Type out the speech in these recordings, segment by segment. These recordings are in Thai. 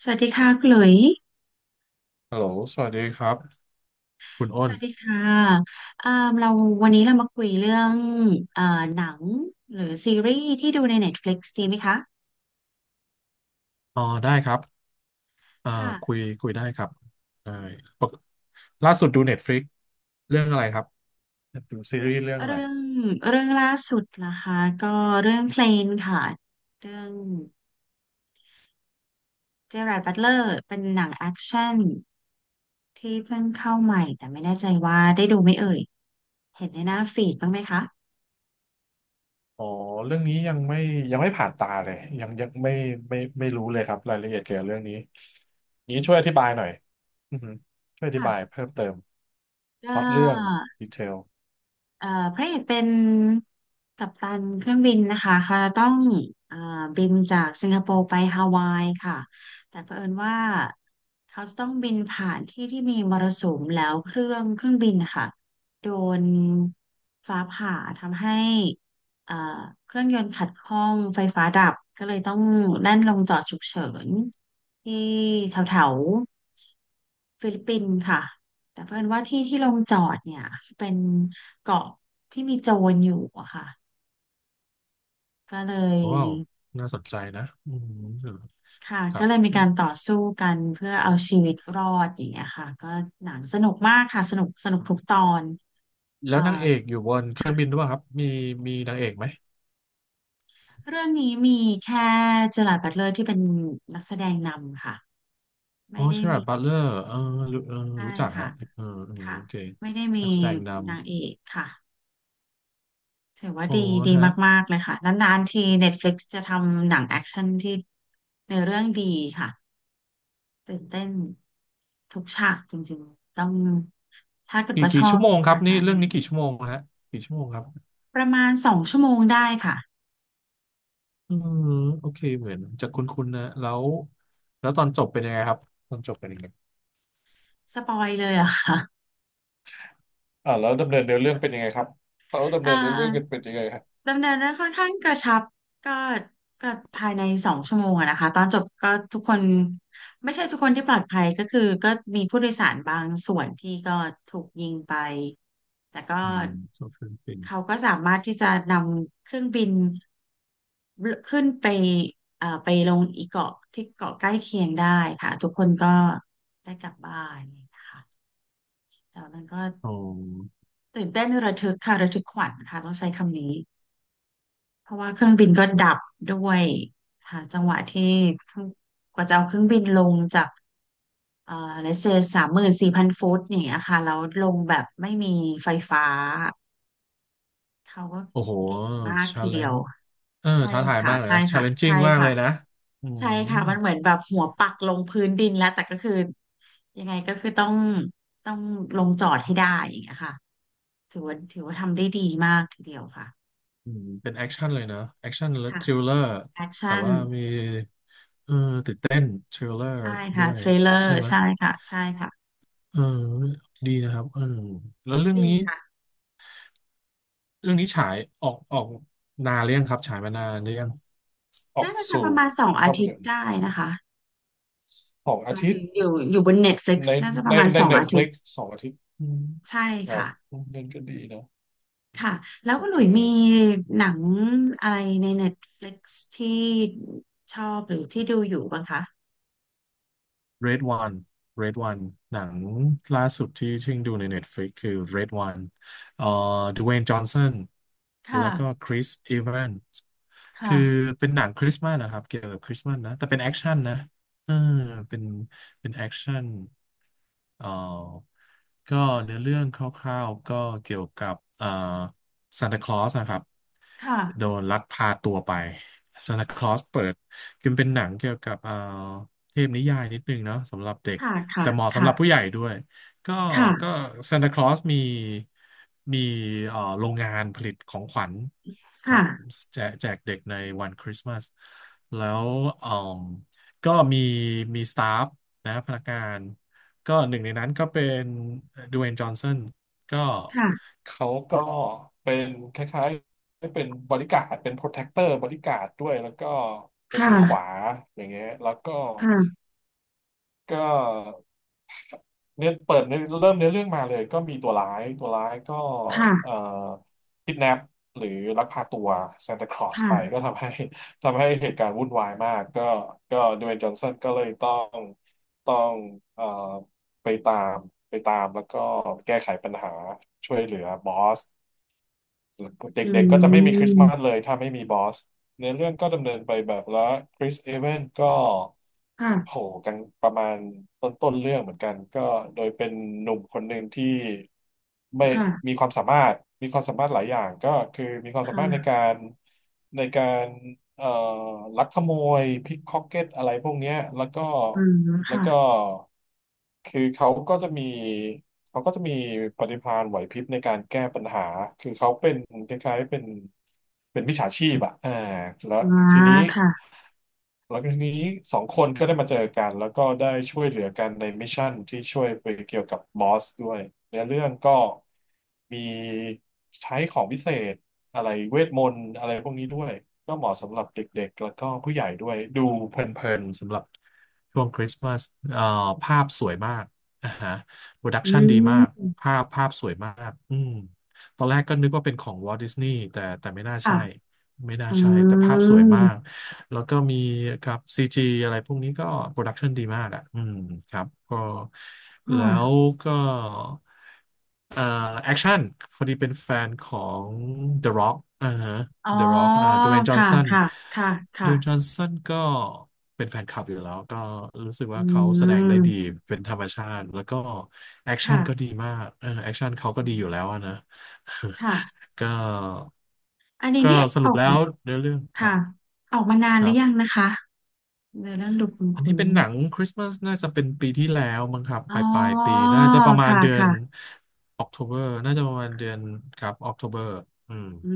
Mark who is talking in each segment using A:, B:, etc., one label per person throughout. A: สวัสดีค่ะคุณหลุย
B: ฮัลโหลสวัสดีครับ คุณ
A: ส
B: อ้น
A: วัสดีค่ะ อ่าเราวันนี้เรามาคุยเรื่อง อ่าหนังหรือซีรีส์ที่ดูใน Netflix ดีไหมคะ
B: อ๋อได้ครับอ่าคุ
A: ค่ะ
B: ยคุยได้ครับได้ปกล่าสุดดู Netflix เรื่องอะไรครับดูซีรีส์เรื่องอะไร
A: เรื่องเรื่องล่าสุดนะคะก็เรื่องเพลนค่ะเรื่องเจอราร์ดบัตเลอร์เป็นหนังแอคชั่นที่เพิ่งเข้าใหม่แต่ไม่แน่ใจว่าได้ดูไหมเอ่ยเห็นในหน้าฟีดบ้างไหมคะ
B: อ๋อเรื่องนี้ยังไม่ผ่านตาเลยยังไม่รู้เลยครับรายละเอียดเกี่ยวกับเรื่องนี้ช่วยอธิบายหน่อยอือฮึช่วยอธิบาย
A: ค่ะ
B: เพิ่มเติม
A: ก็
B: พล็อตเรื่องดีเทล
A: เอ่อพระเอกเป็นกัปตันเครื่องบินนะคะค่ะต้องเอ่อบินจากสิงคโปร์ไปฮาวายค่ะแต่เผอิญว่าเขาจะต้องบินผ่านที่ที่มีมรสุมแล้วเครื่องบินนะคะโดนฟ้าผ่าทำให้เอ่อเครื่องยนต์ขัดข้องไฟฟ้าดับก็เลยต้องแล่นลงจอดฉุกเฉินที่แถวๆ ฟิลิปปินส์ค่ะแต่เพื่อนว่าที่ที่ลงจอดเนี่ยเป็นเกาะที่มีโจรอยู่อะค่ะก็เลย
B: ว้าวน่าสนใจนะอืม
A: ค่ะ
B: ค
A: ก็
B: รับ
A: เลยมีการต่อสู้กันเพื่อเอาชีวิตรอดอย่างเงี้ยค่ะก็หนังสนุกมากค่ะสนุกสนุกทุกตอน
B: แล้
A: เอ่
B: ว
A: อ
B: นางเอกอยู่บนเครื่องบิน
A: ค่ะ
B: ด้วยครับมีนางเอกไหม
A: เรื่องนี้มีแค่เจอราร์ดบัตเลอร์ที่เป็นนักแสดงนำค่ะ
B: อ๋
A: ไม่
B: อ
A: ได้
B: เชอรา
A: มี
B: ร์ดบัตเลอร์เออ
A: ใช่
B: รู้จัก
A: ค่ะ
B: ฮะเออเออ
A: ค่ะ
B: โอเค
A: ไม่ได้มี
B: นักแสดงน
A: นางเอกค่ะ ถือว่า
B: ำอ๋อ
A: ดีดี
B: ฮะ
A: มากๆเลยค่ะนานๆที Netflix จะทำหนังแอคชั่นที่ในอเรื่องดีค่ะตื่นเต้นทุกฉากจริงๆต้องถ้าเกิด
B: กี่
A: ว่าช
B: กี่
A: อ
B: ชั่
A: บ
B: วโมงค
A: ห
B: รั
A: นั
B: บ
A: ง
B: นี่
A: ด้าน
B: เรื่อง
A: นี้
B: นี้กี่ชั่วโมงฮะกี่ชั่วโมงครับ
A: ประมาณสองชั่วโมงได้ค่ะ
B: อืมโอเคเหมือนจะคุ้นๆนะแล้วตอนจบเป็นยังไงครับตอนจบเป็นยังไง
A: สปอยเลยเหรอะค่ะ
B: แล้วดำเนินเนื้อเรื่องเป็นยังไงครับเขาดำ
A: เอ่อ
B: เนินเนื้อเรื่องกันเป็นยังไงครับ
A: ดำเนินเรื่องค่อนข้างกระชับก็ก็ภายในสองชั่วโมงอะนะคะตอนจบก็ทุกคนไม่ใช่ทุกคนที่ปลอดภัยก็คือก็มีผู้โดยสารบางส่วนที่ก็ถูกยิงไปแต่ก็
B: อืมชอบฟิลิปปิน
A: เขาก็สามารถที่จะนำเครื่องบินขึ้นไปไปลงอีกเกาะที่เกาะใกล้เคียงได้ค่ะทุกคนก็ได้กลับบ้านนะคะแต่มันก็
B: อ๋อ
A: ตื่นเต้นระทึกค่ะระทึกขวัญค่ะต้องใช้คำนี้ เพราะว่าเครื่องบินก็ดับด้วยหาจังหวะที่เครื่องกว่าจะเอาเครื่องบินลงจากเอ่อเลเซ34,000 ฟุตอย่างเงี้ยค่ะแล้วลงแบบไม่มีไฟฟ้าเขาก็
B: โอ้โหชาเลนจ์เออ
A: ใช่
B: ท้าทาย
A: ค่ะ
B: มากเลย
A: ใช่
B: นะชา
A: ค่ะ
B: เลนจิ้
A: ใช่
B: งมากเล
A: ค่ะ
B: ยนะอื
A: ใช่
B: ม
A: ค่ะมันเหมือนแบบหัวปักลงพื้นดินแล้วแต่ก็คือยังไงก็คือต้องต้องลงจอดให้ได้อย่างเงี้ยค่ะถือว่าทำได้ดีมากทีเดียวค่ะ
B: อืมเป็นแอคชั่นเลยนะแอคชั่นและ
A: ค่ะ
B: ทริลเลอร์
A: แอค
B: แบบ
A: ชั่น
B: ว่ามีเออตื่นเต้นทริลเลอร์
A: ได้
B: ด้
A: ค่ะ
B: วย
A: เทรลเลอร์
B: ใช่ไหม
A: ใช่ค่ะใช่ค่ะ
B: เออดีนะครับเออแล้วเรื่อง
A: ดี
B: นี้
A: ค่ะ
B: เรื่องนี้ฉายออกนานหรือยังครับฉายมานานหรือยังออก
A: น่าจะสัก
B: สู่
A: ประมาณสองอา
B: ภาพ
A: ทิต
B: ยน
A: ย์
B: ตร์
A: ได้นะคะ
B: สอง
A: ห
B: อา
A: มาย
B: ทิต
A: ถึง
B: ย์
A: อยู่บน Netflix
B: ใน
A: น่าจะป
B: ใน
A: ระมาณ
B: ใน
A: สอง
B: เน็
A: อา
B: ตฟ
A: ทิต
B: ลิก
A: ย์
B: สองอาทิตย์อืม
A: ใช่
B: ครับ
A: ค่ะ
B: เล่นก็ดีนะ
A: ค่ะแล้ว
B: โอ
A: ก็หลุ
B: เค
A: ยมีหนังอะไรใน Netflix ที่ชอบหรือที่ดูอยู่บ้างคะ
B: Red One Red One หนังล่าสุดที่ชิ่งดูใน Netflix คือ Red One เอ่อดเวย์นจอห์นสัน
A: ค่ะ
B: แล้วก็คริสอีแวนส์คือ
A: ค่ะ
B: เป็นหนังคริสต์มาสนะครับ เกี่ยวกับคริสต์มาสนะ แต่เป็นแอคชั่นนะเออเป็นเป็นแอคชั่นเอ่อก็เนื้อเรื่องคร่าวๆก็เกี่ยวกับซานตาคลอสนะครับ
A: ค่ะ
B: โดนลักพาตัวไปซานตาคลอสเปิด คือมันเป็นหนังเกี่ยวกับเทพนิยายนิดนึงเนาะสำหรับเด็ก
A: ค่ะค่ะ
B: แต่เหมาะ
A: ค
B: สำหรับผู้ใหญ่ด้วยก็
A: ่ะ
B: ก็ซานตาคลอสมีโรงงานผลิตของขวัญครั
A: ค่ะ
B: บแจกแจกเด็กในวันคริสต์มาสแล้วเอ่อก็มีสตาฟนะพนักงานก็หนึ่งในนั้นก็เป็นด w เ y n e จอห์นสันก็
A: ค่ะ
B: เขาก็เป็นคล้ายๆ ได้เป็นบริการดเป็นโปรเทคเตอร์บริการดด้วยแล้วก็
A: ค
B: เป็นมือขวา
A: ่ะ
B: อย่างเงี้ยแล้วก็
A: ค่ะค่ะ
B: ก็เนี่ยเปิดเนื้อเริ่มเนื้อเรื่องมาเลยก็มีตัวร้ายตัวร้ายก็เอ่อ
A: ค่ะ
B: คิดแนปหรือลักพาตัวซานตาคลอสไป
A: ค่ะ
B: ก็ทำให้ ทำให้เหตุการณ์วุ่นวายมากก็ก็ดเวย์จอห์นสันก็เลยต้องเอ่อไปตามไปตามแล้วก็แก้ไขปัญหาช่วยเหลือบอส
A: อื
B: เด็กๆ ก็จะไม่มีคริสต์มาส
A: ม
B: เลยถ้าไม่มีบอสเนื้อเรื่องก็ดำเนินไปแบบแล้วคริสเอเวนก็
A: ค่ะ
B: โหกันประมาณต้นเรื่องเหมือนกันก็โดยเป็นหนุ่มคนหนึ่งที่ไม่มี
A: ค่ะ
B: ความสามารถมีความสามารถหลายอย่างก็คือมีความสามารถใน
A: ค่ะ
B: การในการเอ่อลักขโมยพิกพ็อกเก็ตอะไรพวกเนี้ยแล้วก็
A: อืม
B: แล้ว
A: ค่ะ
B: ก็คือเขาก็จะมีปฏิภาณไหวพริบในการแก้ปัญหา คือเขาเป็นคล้ายๆเป็นมิจฉาชีพอะอ่าแล้ว
A: มา
B: ทีนี้
A: ค่ะ
B: แล้วทีนี้สองคนก็ได้มาเจอกันแล้วก็ได้ช่วยเหลือกันในมิชชั่นที่ช่วยไปเกี่ยวกับบอสด้วยเนื้อเรื่องก็มีใช้ของพิเศษอะไรเวทมนต์อะไรพวกนี้ด้วย ก็เหมาะสำหรับเด็กๆแล้วก็ผู้ใหญ่ด้วยดูเพลินๆสำหรับากอ่าฮะโปรดัก
A: อื
B: ชันดีมาก
A: ม
B: ภาพสวยมากอืมตอนแรกก็นึกว่าเป็นของวอล t ์ดิสนีย์แต่ไม่น่า
A: ค่ะ
B: ใช่ ไม่น่า
A: อื
B: ใช่แต่ภาพสวยมาก
A: ม
B: แล้วก็มีครับซีจีอะไรพวกนี้ก็โปรดักชันดีมากอ่ะอืมครับก็แล้ว
A: ค่ะ
B: ก็เอ่อแอคชั่นพอดีเป็นแฟนของ The Rock อ่าฮะ
A: อ๋อ
B: The Rock อ่าดเวนจอห์น
A: ค่ะ
B: สัน
A: ค่ะ ค่ะ
B: ดเวนจอ
A: ค่ะ
B: ห์นสันก็เป็นแฟนคลับอยู่แล้วก็รู้สึก
A: อื
B: ว่าเขาแสดงได้ดี
A: ม
B: เป็นธรรมชาติแล้วก็แอคชั่นก็ดี
A: ค่ะ
B: มากเออแอคชั่นเขาก็
A: อื
B: ดีอยู่
A: ม
B: แล้วอะนะ
A: ค่ะ
B: ก็
A: อันนี้
B: ก็
A: นี่
B: ส
A: อ
B: รุ
A: อ
B: ป
A: ก
B: แล้วเนื้อเรื่องครับ
A: ค่ะออกมานาน
B: ค
A: หรื
B: รั
A: อยัง
B: บ
A: นะคะในอเรื่องดูคุณ
B: อัน
A: คุ
B: นี้
A: ณ
B: เป็นหนังคริสต์มาสน่าจะเป็นปีที่แล้วมั้งครับ
A: อ๋
B: ป
A: อ
B: ลายปลายปีน่าจะประมาณ
A: ค่ะ
B: เดือน
A: ค่ะ
B: ออก Octoberน่าจะประมาณเดือนครับออกโทเบอร์อืม
A: อื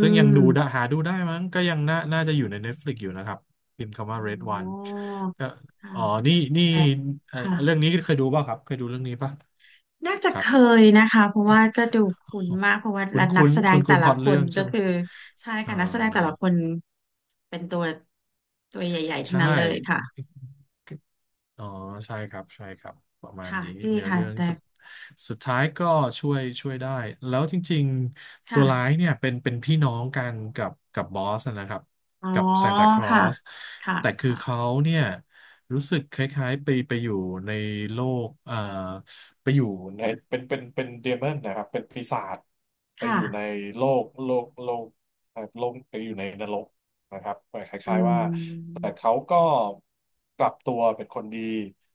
B: ซึ่งยังดูได้
A: ม
B: หาดูได้มั้งก็ยังน่าจะอยู่ใน Netflix อยู่นะครับพิมพ์คำว่า
A: อ๋
B: Red One
A: อ
B: ก็
A: ค่ะ
B: อ๋อนี่นี่
A: แต่
B: เอ่อ
A: ค่ะ
B: เรื่องนี้เคยดูป่ะครับเคยดูเรื่องนี้ป่ะ
A: น่าจะ
B: ค
A: เค
B: รับ
A: ยนะคะเพราะว่าก็ดูคุ้นมากเพราะว่า
B: คุ้น
A: นั
B: คุ้
A: ก
B: น
A: แสด
B: คุ้
A: ง
B: น
A: แต่
B: คุ้นพ
A: ละ
B: ล็อต
A: ค
B: เรื่อ
A: น
B: ง
A: ก็
B: ใช่ไหม
A: คือใช่
B: อ่า
A: ค่ะนักแสดงแต่ละคนเป็นตัวใหญ่ๆ ทั้ง
B: ใช่
A: นั้นเลยค่ะ
B: อ๋อใช่ครับประมาณ
A: ค่ะ
B: นี้
A: ดี
B: เนื้อ
A: ค่
B: เรื่องสุด
A: ะ
B: สุดท้ายก็ช่วยได้แล้วจริงๆตัวร้าย
A: ค่ะ
B: เนี่ยเป็นพี่น้องกันกับบอสนะครับ
A: อ๋อ
B: กับซานตาคลอ
A: ค่ะ
B: ส
A: ค่ะ
B: แต่คือ
A: ค่ะ
B: เขาเนี่ยรู้สึกคล้ายๆไปอยู่ในโลกไปอยู่ในเป็นเดมอนนะครับเป็นปีศาจไป
A: ค่ะ
B: อยู่ในโลกโลกไปอยู่ในนรกนะครับค
A: อื
B: ล้ายๆว่า แต่
A: ม
B: เขาก็กลับตัวเป็นคนดี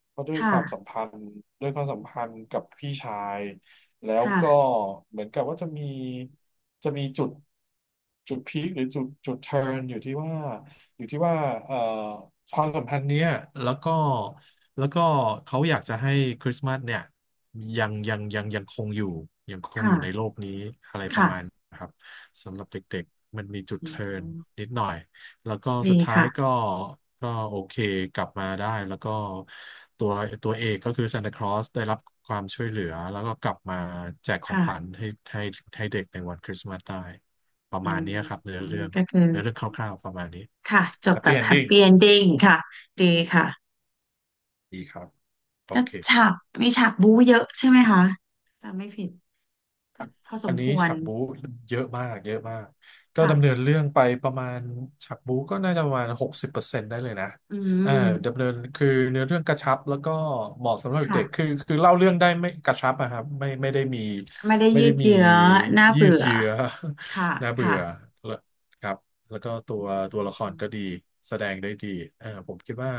B: เพราะด้วยค
A: ค่ะ
B: วามสัมพันธ์ด้วยความสัมพันธ์กับพี่ชายแล้ว
A: ค่ะ
B: ก็เหมือนกับว่าจะมีจุดพีคหรือจุดเทิร์นอยู่ที่ว่าอยู่ที่ว่าเอ่อความสัมพันธ์เนี้ยแล้วก็แล้วก็เขาอยากจะให้คริสต์มาสเนี่ยยังคงอยู่ใน
A: ค่ะ
B: โลกนี้อะไรประมาณ
A: ค่ะ
B: นะครับสำหรับเด็กๆมันมีจุด
A: อื
B: เทิร์น
A: ม
B: นิดหน่อย แล้วก็สุ
A: ดี
B: ดท้าย
A: ค่ะ
B: ก็ก็โอเคกลับมาได้แล้วก็ตัวตัวเอกก็คือซานตาคลอสได้รับความช่วยเหลือแล้วก็กลับมาแจกของขวัญ
A: ค่ะ
B: ให้ให้เด็กในวันคริสต์มาสได้ประ
A: อื
B: มาณ
A: ม
B: เนี้ยครับเนื้อเรื่อง
A: ก็คือ
B: เนื้อเรื่องคร่าวๆประมาณนี้
A: ค่ะ จ
B: แฮ
A: บ
B: ป
A: แบ
B: ปี้
A: บ
B: เอน
A: แฮ
B: ดิ้
A: ป
B: ง
A: ปี้เอนดิ้งค่ะดีค่ะ
B: ดีครับโอ
A: ก็
B: เค
A: ฉากมีฉากบู๊เยอะใช่ไหมคะจำไม่ผิดก็พอส
B: อั
A: ม
B: นนี้
A: ควร
B: ฉากบู๊เยอะมากก็ดำเนิน
A: ค่ะ
B: เรื่องไปประมาณฉากบู๊ก็น่าจะประมาณ60%ได้เลยนะ
A: อื
B: เออดำ
A: ม
B: เนินคือเนื้อเรื่องกระชับแล้วก็เหมาะสำหรับ
A: ค่ะ
B: เด็กคือเล่าเรื่องได้ไม่กระชับอะครับไม่ได้มี
A: ไม่ได้
B: ไม่
A: ยื
B: ได้
A: ด
B: มี
A: เยื้อน่า
B: ยื
A: เบื่
B: ด
A: อ
B: เยื้อ
A: ค่ะ
B: น่าเบื่อ
A: ค่ะ
B: ครับแล้วก็ตั
A: อื
B: วตัวละคร
A: ม
B: ก็ดีแสดงได้ดีอ่าผมคิดว่า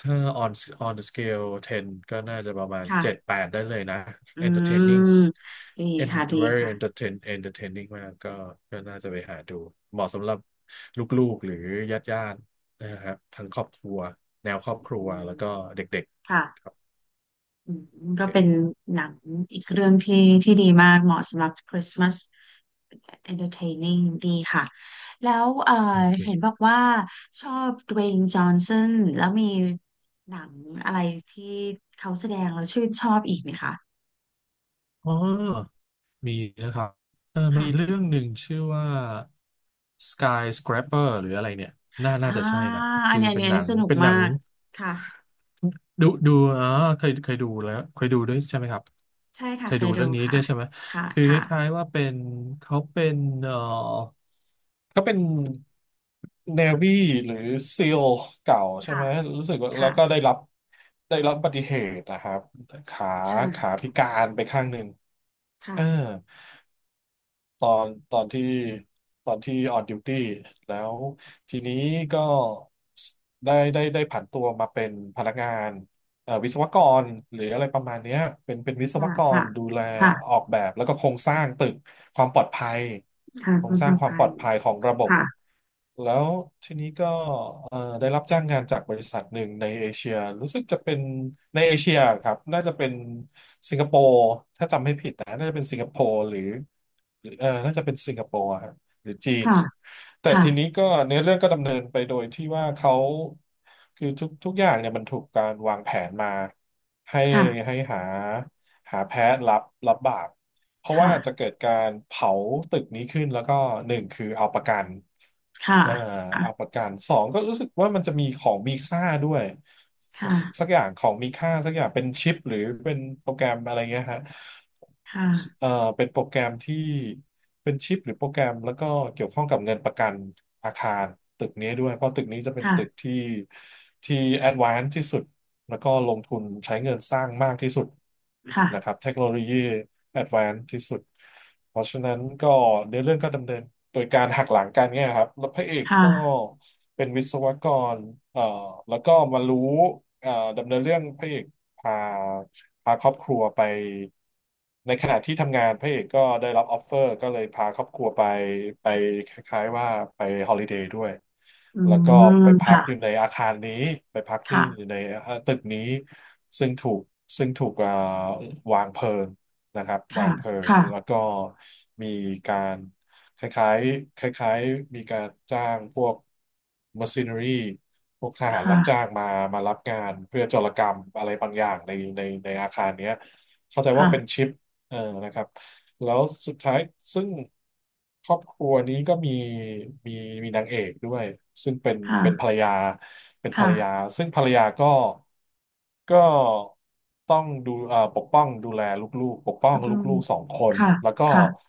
B: ถ้า on on the scale 10 ก็น่าจะประมาณ
A: ค่ะ
B: 7 8ได้เลยนะ
A: อื
B: entertaining
A: มดี
B: and
A: ค่ะดี
B: very
A: ค่ะ
B: entertaining มากก็ก็น่าจะไปหาดูเหมาะสำหรับลูกๆหรือญาติๆนะครับทั้งครอบครัวแนวครอบครั
A: อื
B: ว
A: ม
B: แล้วก็เด็ก
A: ค่ะ
B: ๆครับ
A: อืมก็
B: โอ
A: เป็นหนังอีกเรื่องที่ที่ดีมากเหมาะสำหรับ Christmas entertaining ดีค่ะแล้ว
B: โอ
A: เห็น
B: เค
A: บอกว่าชอบ Dwayne Johnson แล้วมีหนังอะไรที่เขาแสดงแล้วชื่นชอบอีกไหมคะ
B: อ๋อ มีนะครับเออมี
A: ค่ะ
B: เรื่องหนึ่งชื่อว่า Skyscraper หรืออะไรเนี่ยน่า
A: อ่า
B: น่าจะใช่นะ
A: อัน
B: คือ
A: นี้อัน
B: เป็
A: นี้
B: น
A: อั
B: ห
A: น
B: นั
A: นี้
B: ง
A: สนุกมากค่ะ
B: ดูดูอ๋อเคยเคยดูแล้วเคยดูด้วยใช่ไหมครับ
A: ใช่
B: เค
A: ค่ะ
B: ย
A: เค
B: ดู
A: ยดู
B: เรื่องนี้
A: ค่ะ
B: ด้วยใช่ไหม
A: ค่ะ
B: คือค
A: ค่ะ
B: ล้ายๆว่าเป็นเขาเป็นเออเขาเป็น Navy หรือ SEAL เก่าใช่
A: ค่ะ
B: ไหมรู้สึกว่าแล้
A: ค่ะ
B: วก็ได้รับได้รับอุบัติเหตุนะครับขาขา
A: ค่ะ
B: พิการไปข้างหนึ่งเออ
A: ค่ะ
B: ตอนตอนที่ตอนที่ออนดิวตี้แล้วทีนี้ก็ได้ผันตัวมาเป็นพนักงานวิศวกรหรืออะไรประมาณเนี้ยเป็นวิศว
A: ค่ะ
B: ก
A: ค่ะ
B: รดูแล
A: ค่ะ
B: ออกแบบแล้วก็โครงสร้างตึกความปลอดภัย
A: ค่ะ
B: โคร
A: คุ
B: ง
A: ณ
B: ส
A: ป
B: ร้าง
A: ระ
B: ความ
A: ภั
B: ปลอ
A: ย
B: ดภัยของระบบ
A: ค่ะ
B: แล้วทีนี้ก็ได้รับจ้างงานจากบริษัทหนึ่งในเอเชียรู้สึกจะเป็นในเอเชียครับน่าจะเป็นสิงคโปร์ นะน่าจะเป็นสิงคโปร์หรือหรือเออน่าจะเป็นสิงคโปร์อะฮะหรือจีน
A: ค่ะ
B: แต่
A: ค่ะ
B: ทีนี้ก็เนื้อเรื่องก็ดำเนินไปโดยที่ว่าเขาคือทุกอย่างเนี่ยมันถูกการวางแผนมาให้
A: ค่ะ
B: หาแพ้รับบาปเพราะ
A: ค่ะ
B: ว่าจะเกิดการเผาตึกนี้ขึ้นแล้วก็หนึ่งคือเอาประกัน
A: ค่ะ
B: อ่าเอาประกันสองก็รู้สึกว่ามันจะมีของมีค่าด้วย
A: ค่ะ
B: สักอย่างของมีค่าสักอย่างเป็นชิปหรือเป็นโปรแกรมอะไรเงี้ยฮะ
A: ค่ะ
B: เอ่อเป็นโปรแกรมที่เป็นชิปหรือโปรแกรมแล้วก็เกี่ยวข้องกับเงินประกันอาคารตึกนี้ด้วยเพราะตึกนี้จะเป็น
A: ค่ะ
B: ตึกที่ที่แอดวานซ์ที่สุดแล้วก็ลงทุนใช้เงินสร้างมากที่สุดนะครั
A: ค่ะ
B: บเทคโนโลยีแอดวานซ์ที่สุดเพราะฉะนั้นก็ในเรื่องก็ดำเนินโดยการหักหลังกันเนี่ยครับแล้วพระเอกก็
A: ค่ะ
B: เป็นวิศวกรเอ่อแล้วก็มารู้เอ่อดำเนินเรื่องพระเอก พาพาครอบครัวไปในขณะที่ทำงานพระเอกก็ได้รับออฟเฟอร์ก็เลยพาครอบครัวไปไปคล้ายๆว่าไปฮอลิเดย์ด้วย
A: อื
B: แล้วก็ไป
A: ม
B: พัก
A: ค่ะ
B: อยู่ในอาคารนี้ไปพักที่
A: ค่ะ
B: อยู่ในตึกนี้ซึ่งถูกซึ่งถูกวางเพลิงนะครับวา
A: ค่ะ
B: งเพลิง
A: ค่ะ
B: แล้วก็มีการคล้ายๆคล้ายๆมีการจ้างพวก mercenary พวกทหารรับจ้างมามารับงานเพื่อโจรกรรมอะไรบางอย่างในในอาคารเนี้ยเข้าใจว่าเป็น
A: ค่ะ
B: ชิป เออนะครับแล้วสุดท้ายซึ่งครอบครัวนี้ก็มีมีนางเอกด้วยซึ่งเป็น
A: ค่ะ
B: เป็นภ
A: ค่ะ
B: รรยาเป็นภรรยา
A: ค่ะ
B: ซึ่งภรรยาก็ก็ต้องดูปกป้องดูแลลูกๆปกป้อง
A: พัด
B: ล
A: ลม
B: ูกๆสองคน
A: ค่ะ
B: แล้วก็
A: ค่ะ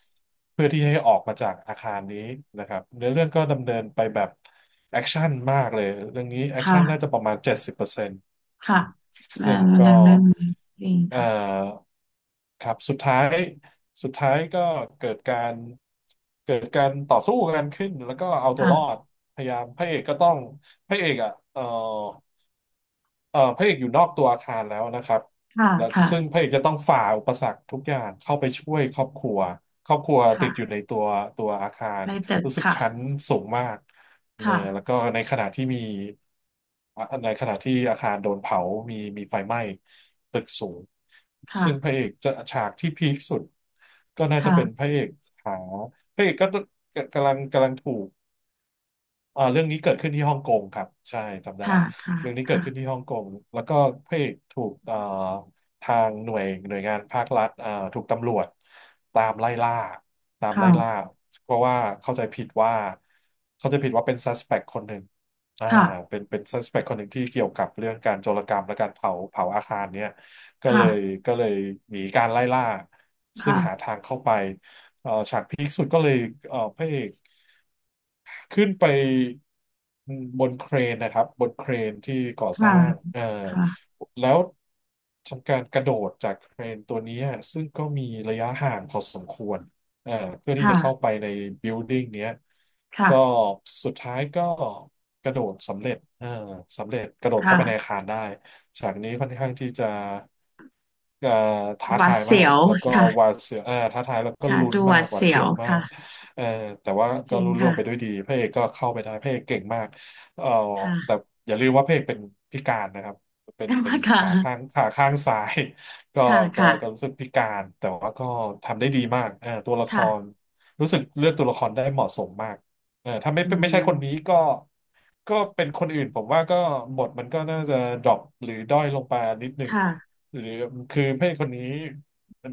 B: เพื่อที่ให้ออกมาจากอาคารนี้นะครับเนื้อเรื่องก็ดำเนินไปแบบแอคชั่นมากเลยเรื่องนี้แอค
A: ค่ะ
B: ชั่นน่าจะประมาณ70%
A: ค่ะแม่
B: ซึ่ง
A: กำลั
B: ก็
A: งเล่นนี้เอง
B: เอ่
A: ค่ะ
B: อครับ สุดท้ายก็เกิดการเกิดการต่อสู้กันขึ้น แล้วก็เอาตัวรอ
A: ค่ะ
B: ด พยายามพระเอกก็ต้องพระเอกอ่ะเอ่อ เอ่อพระเอกอยู่นอกตัวอาคารแล้วนะครับ
A: ค่ะ
B: และ
A: ค่ะ
B: ซึ่งพระเอกจะต้องฝ่าอุปสรรคทุกอย่างเข้าไปช่วยครอบครัวครอบครัวติดอยู่
A: ค่ะ
B: ในตัวอาคาร
A: ในตึก
B: รู้สึก
A: ค่ะ
B: ชั้นสูงมากเนอะ
A: ค่ะ
B: แล้วก็ในขณะที่อาคารโดนเผามีไฟไหม้ตึกสูงซึ่งพระ
A: ค่ะ
B: เอกจะฉากที่พีคสุดก็น่าจะเป็นพ
A: ค่ะ
B: ระเอกหาพระเอกก็กำลังถูก เรื่องนี้เกิดขึ้นที่ฮ่องกงครับใช่จำได้
A: ค่ะ
B: ละ
A: ค่ะ
B: เรื่องนี้เกิดขึ้น
A: ค่ะ
B: ที่ฮ่องกงแล้วก็พระเอกถูกทางหน่วยงานภาครัฐถูกตำรวจตามไล่ล่าตาม
A: ค่ะ
B: ไล่ล่าเพราะว่าเข้าใจผิดว่าเข้าใจผิดว่าเป็น suspect คนหนึ่งอ่า
A: ค่ะ
B: เป็นsuspect คนหนึ่งที่เกี่ยวกับเรื่องการโจรกรรมและการเผาอาคารเนี่ยก็เล
A: ค่ะ
B: ยก็เลยหนีการไล่ล่าซึ่งหา
A: ค่ะ
B: ทางเข้าไปฉากพีคสุดก็เลยพระเอก ขึ้นไปบนเครนที่ก่อส
A: ค่ะ
B: ร้าง
A: ค่ะ
B: แล้วทำการกระโดดจากเครนตัวนี้ซึ่งก็มีระยะห่างพอสมควรเอ่อเพื่อที่จะเข้า
A: ค่ะ
B: ไปในบิลดิ้งเนี้ย
A: ค่ะ
B: ก็สุดท้ายก็กระโดดสำเร็จกระโดดเข้าไปในอา
A: ค่ะ
B: คารได้ฉากนี้ค่อนข้างที่จะเอ่อท้า
A: หวา
B: ทา
A: ด
B: ยมา
A: เสี
B: ก
A: ยว
B: แล้วก็
A: ค่ะ
B: หวาดเสียวท้าทายแล้วก็
A: ค่ะ
B: ลุ้น
A: ดูห
B: มา
A: วา
B: ก
A: ด
B: หวาด
A: เสีย
B: เสีย
A: ว
B: วมา
A: ค่ะ
B: ก เออแต่ว่า
A: จ
B: ก็
A: ริง
B: รุ่ล่วง
A: ค่ะ
B: ไปด้วยดีพระเอกก็เข้าไปได้พระเอกเก่งมากเออ
A: ค่ะ
B: แต่อย่าลืมว่าพระเอกเป็นพิการนะครับเป็น
A: ค
B: ขาข้าง
A: ่ะ
B: ขาข้างซ้าย ก็
A: ค่ะ
B: ก็ก็
A: ค่ะ
B: รู้สึกพิการแต่ว่าก็ทำได้ดีมากเออตัวละคร
A: ค่ะ
B: รู้สึกเลือกตัวละครได้เหมาะสมมากเออถ้า
A: อื
B: ไม่ใช่คนนี้
A: ม
B: ก็ก็เป็นคนอื่นผมว่าก็บทมันก็น่าจะดรอปหรือด้อยลงไปนิดหนึ่ง
A: ค่ะ
B: หรือคือพระเอกคนนี้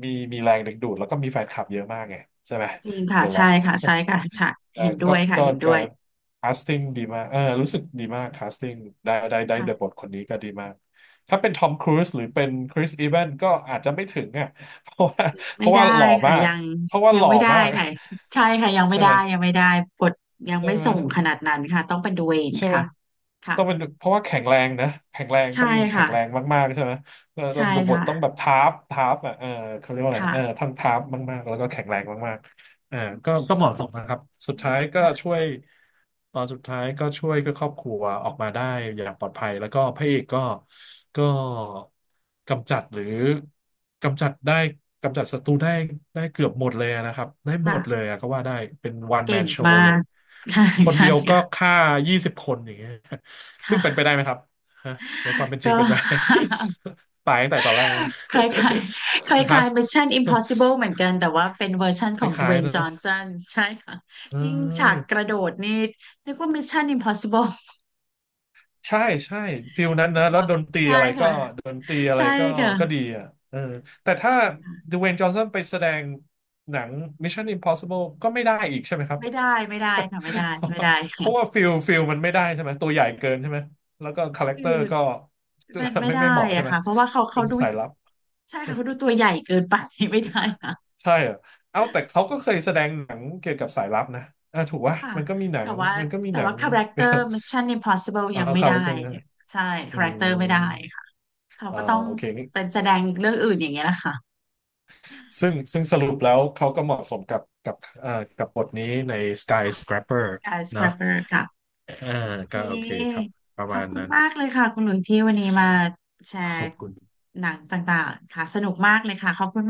B: มีแรงดึงดูดแล้วก็มีแฟนคลับเยอะมากไงใช่ไหม
A: จริงค่ะ
B: The
A: ใช่
B: Rock
A: ค่ะใช่ค่ะใช่
B: เออ
A: เห็นด้วยค่ะเห็นด้
B: ก็
A: วย
B: คาสติ้งดีมากเออรู้สึกดีมากคาสติ้งได้เดอะบ
A: ค่ะ
B: ทคนนี้ก็ดีมาก ถ้าเป็นทอมครูซหรือเป็นคริสอีแวนก็อาจจะไม่ถึงอ่ะ เพราะว่าเพ
A: ไม่
B: ราะ
A: ได้
B: ว่าหล่อ
A: ค่ะ
B: มาก
A: ยัง
B: เพราะว่า
A: ยั
B: ห
A: ง
B: ล่อ
A: ไม่ได้
B: มาก
A: ค่ะใช่ค่ะยัง ไม่
B: ใช่ไห
A: ได้
B: ม
A: ยังไม่ได้กดยัง
B: ใช่
A: ไม่
B: ไหม
A: ส่งขนาดนั้นค่ะต้องเป็นดูเอง
B: ใช่ไหม
A: ค่ะค่ะ
B: ต้องเป็นเพราะว่าแข็งแรงนะแข็งแรง
A: ใช่
B: ต้องมีแข็
A: ค่ะ
B: งแรงมากๆใช่ไหมแล้
A: ใช่
B: วบท
A: ค่ะ
B: ต้องแบบทาร์ฟอ่ะเออเขาเรียกว่าอะไร
A: ค่ะ
B: เออทั้งทาร์ฟมากๆแล้วก็แข็งแรงมาก อ่าก็เหมาะสมนะครับสุดท้ายก็
A: ค่ะ
B: ช่วยตอนสุดท้ายก็ช่วยก็ครอบครัวออกมาได้อย่างปลอดภัยแล้วก็พระเอกก็ก็กำจัดหรือกำจัดได้กำจัดศัตรูได้ได้เกือบหมดเลยนะครับได้หมดเล
A: ค่ะ
B: ยอะก็ว่าได้เป็นวันแม
A: เก่
B: น
A: ง
B: โช
A: มา
B: ว์เลย
A: กใช่
B: คน
A: ใช่
B: เดียวก็
A: ค่ะ
B: ฆ่า20 คนอย่างเงี้ยซึ่ง
A: ค่ะ
B: เป็นไปได้ไหมครับฮะในความเป็นจริ
A: ก็
B: งเป็นไป ตายตั้งแต่ตอนแรกมั้ง
A: คล้ายๆคล ้า
B: ฮะ
A: ยๆ Mission Impossible เหมือนกันแต่ว่าเป็นเวอร์ชัน
B: ค
A: ของ
B: ล้ายๆ
A: Dwayne
B: เนอะ
A: Johnson ใช่ค่ะ
B: เออ
A: จริงฉากกระโดดนี่นึกว่า Mission Impossible
B: ใช่ใช่ฟิลนั้นนะแล้วดนตรี
A: ใช่
B: อะไรก็
A: ค่ะ
B: ดนตรีอะไร
A: ใช่
B: ก็
A: ค่ะ
B: ก็ดีอ่ะเออแต่ถ้าดเวย์นจอห์นสันไปแสดงหนัง Mission Impossible ก็ไม่ได้อีกใช่ไหมครับ
A: ไม่ได้ ไม่ได้ค่ะไม่ได้ไม่ได้
B: เพ
A: ค่ะ
B: ราะว่าฟิลมันไม่ได้ใช่ไหมตัวใหญ่เกินใช่ไหมแล้วก็คาแรค
A: คื
B: เตอ
A: อ
B: ร์ก็
A: มัน ไม่ได้
B: ไม่เหมาะใช่
A: อะ
B: ไหม
A: ค่ะ เพราะว่าเขา
B: เป็
A: เขา
B: น
A: ดู
B: สายลับ
A: ใช่ค่ะเขาดูตัวใหญ่เกินไป ไม่ได้ค่ะ
B: ใช่เหรอเอาแต่เขาก็เคยแสดงหนังเกี่ยวกับสายลับนะอ่ะถูกวะ
A: ค่ะแต่ว่า
B: มันก็มี
A: แต่
B: หนั
A: ว่า
B: ง
A: คาแรคเตอร์ Mission Impossible
B: เอ่า
A: ยังไม่
B: คา
A: ได้
B: แรคเตอร์
A: เนี่ยใช่
B: อื
A: คาแรคเต
B: ม
A: อร์ไม่ได้ค่ะเขา
B: อ่า
A: ก็ต้อง
B: โอเค
A: เป็นแสดงเรื่องอื่นอย่างเงี้ยนะคะ
B: ซึ่งสรุปแล้วเขาก็เหมาะสมกับกับบทนี้ใน
A: ค่ะ
B: Skyscraper เนอะ
A: Skyscraper ค่ะ
B: เออ
A: โอเค
B: ก็โอเคครับประ
A: ขอ
B: มา
A: บ
B: ณ
A: คุณ
B: นั้น
A: มากเลยค่ะคุณหลุยที่วันนี้มาแช
B: ข
A: ร์
B: อบคุณ
A: หนังต่างๆค่ะสนุกมากเลยค่ะขอบคุณ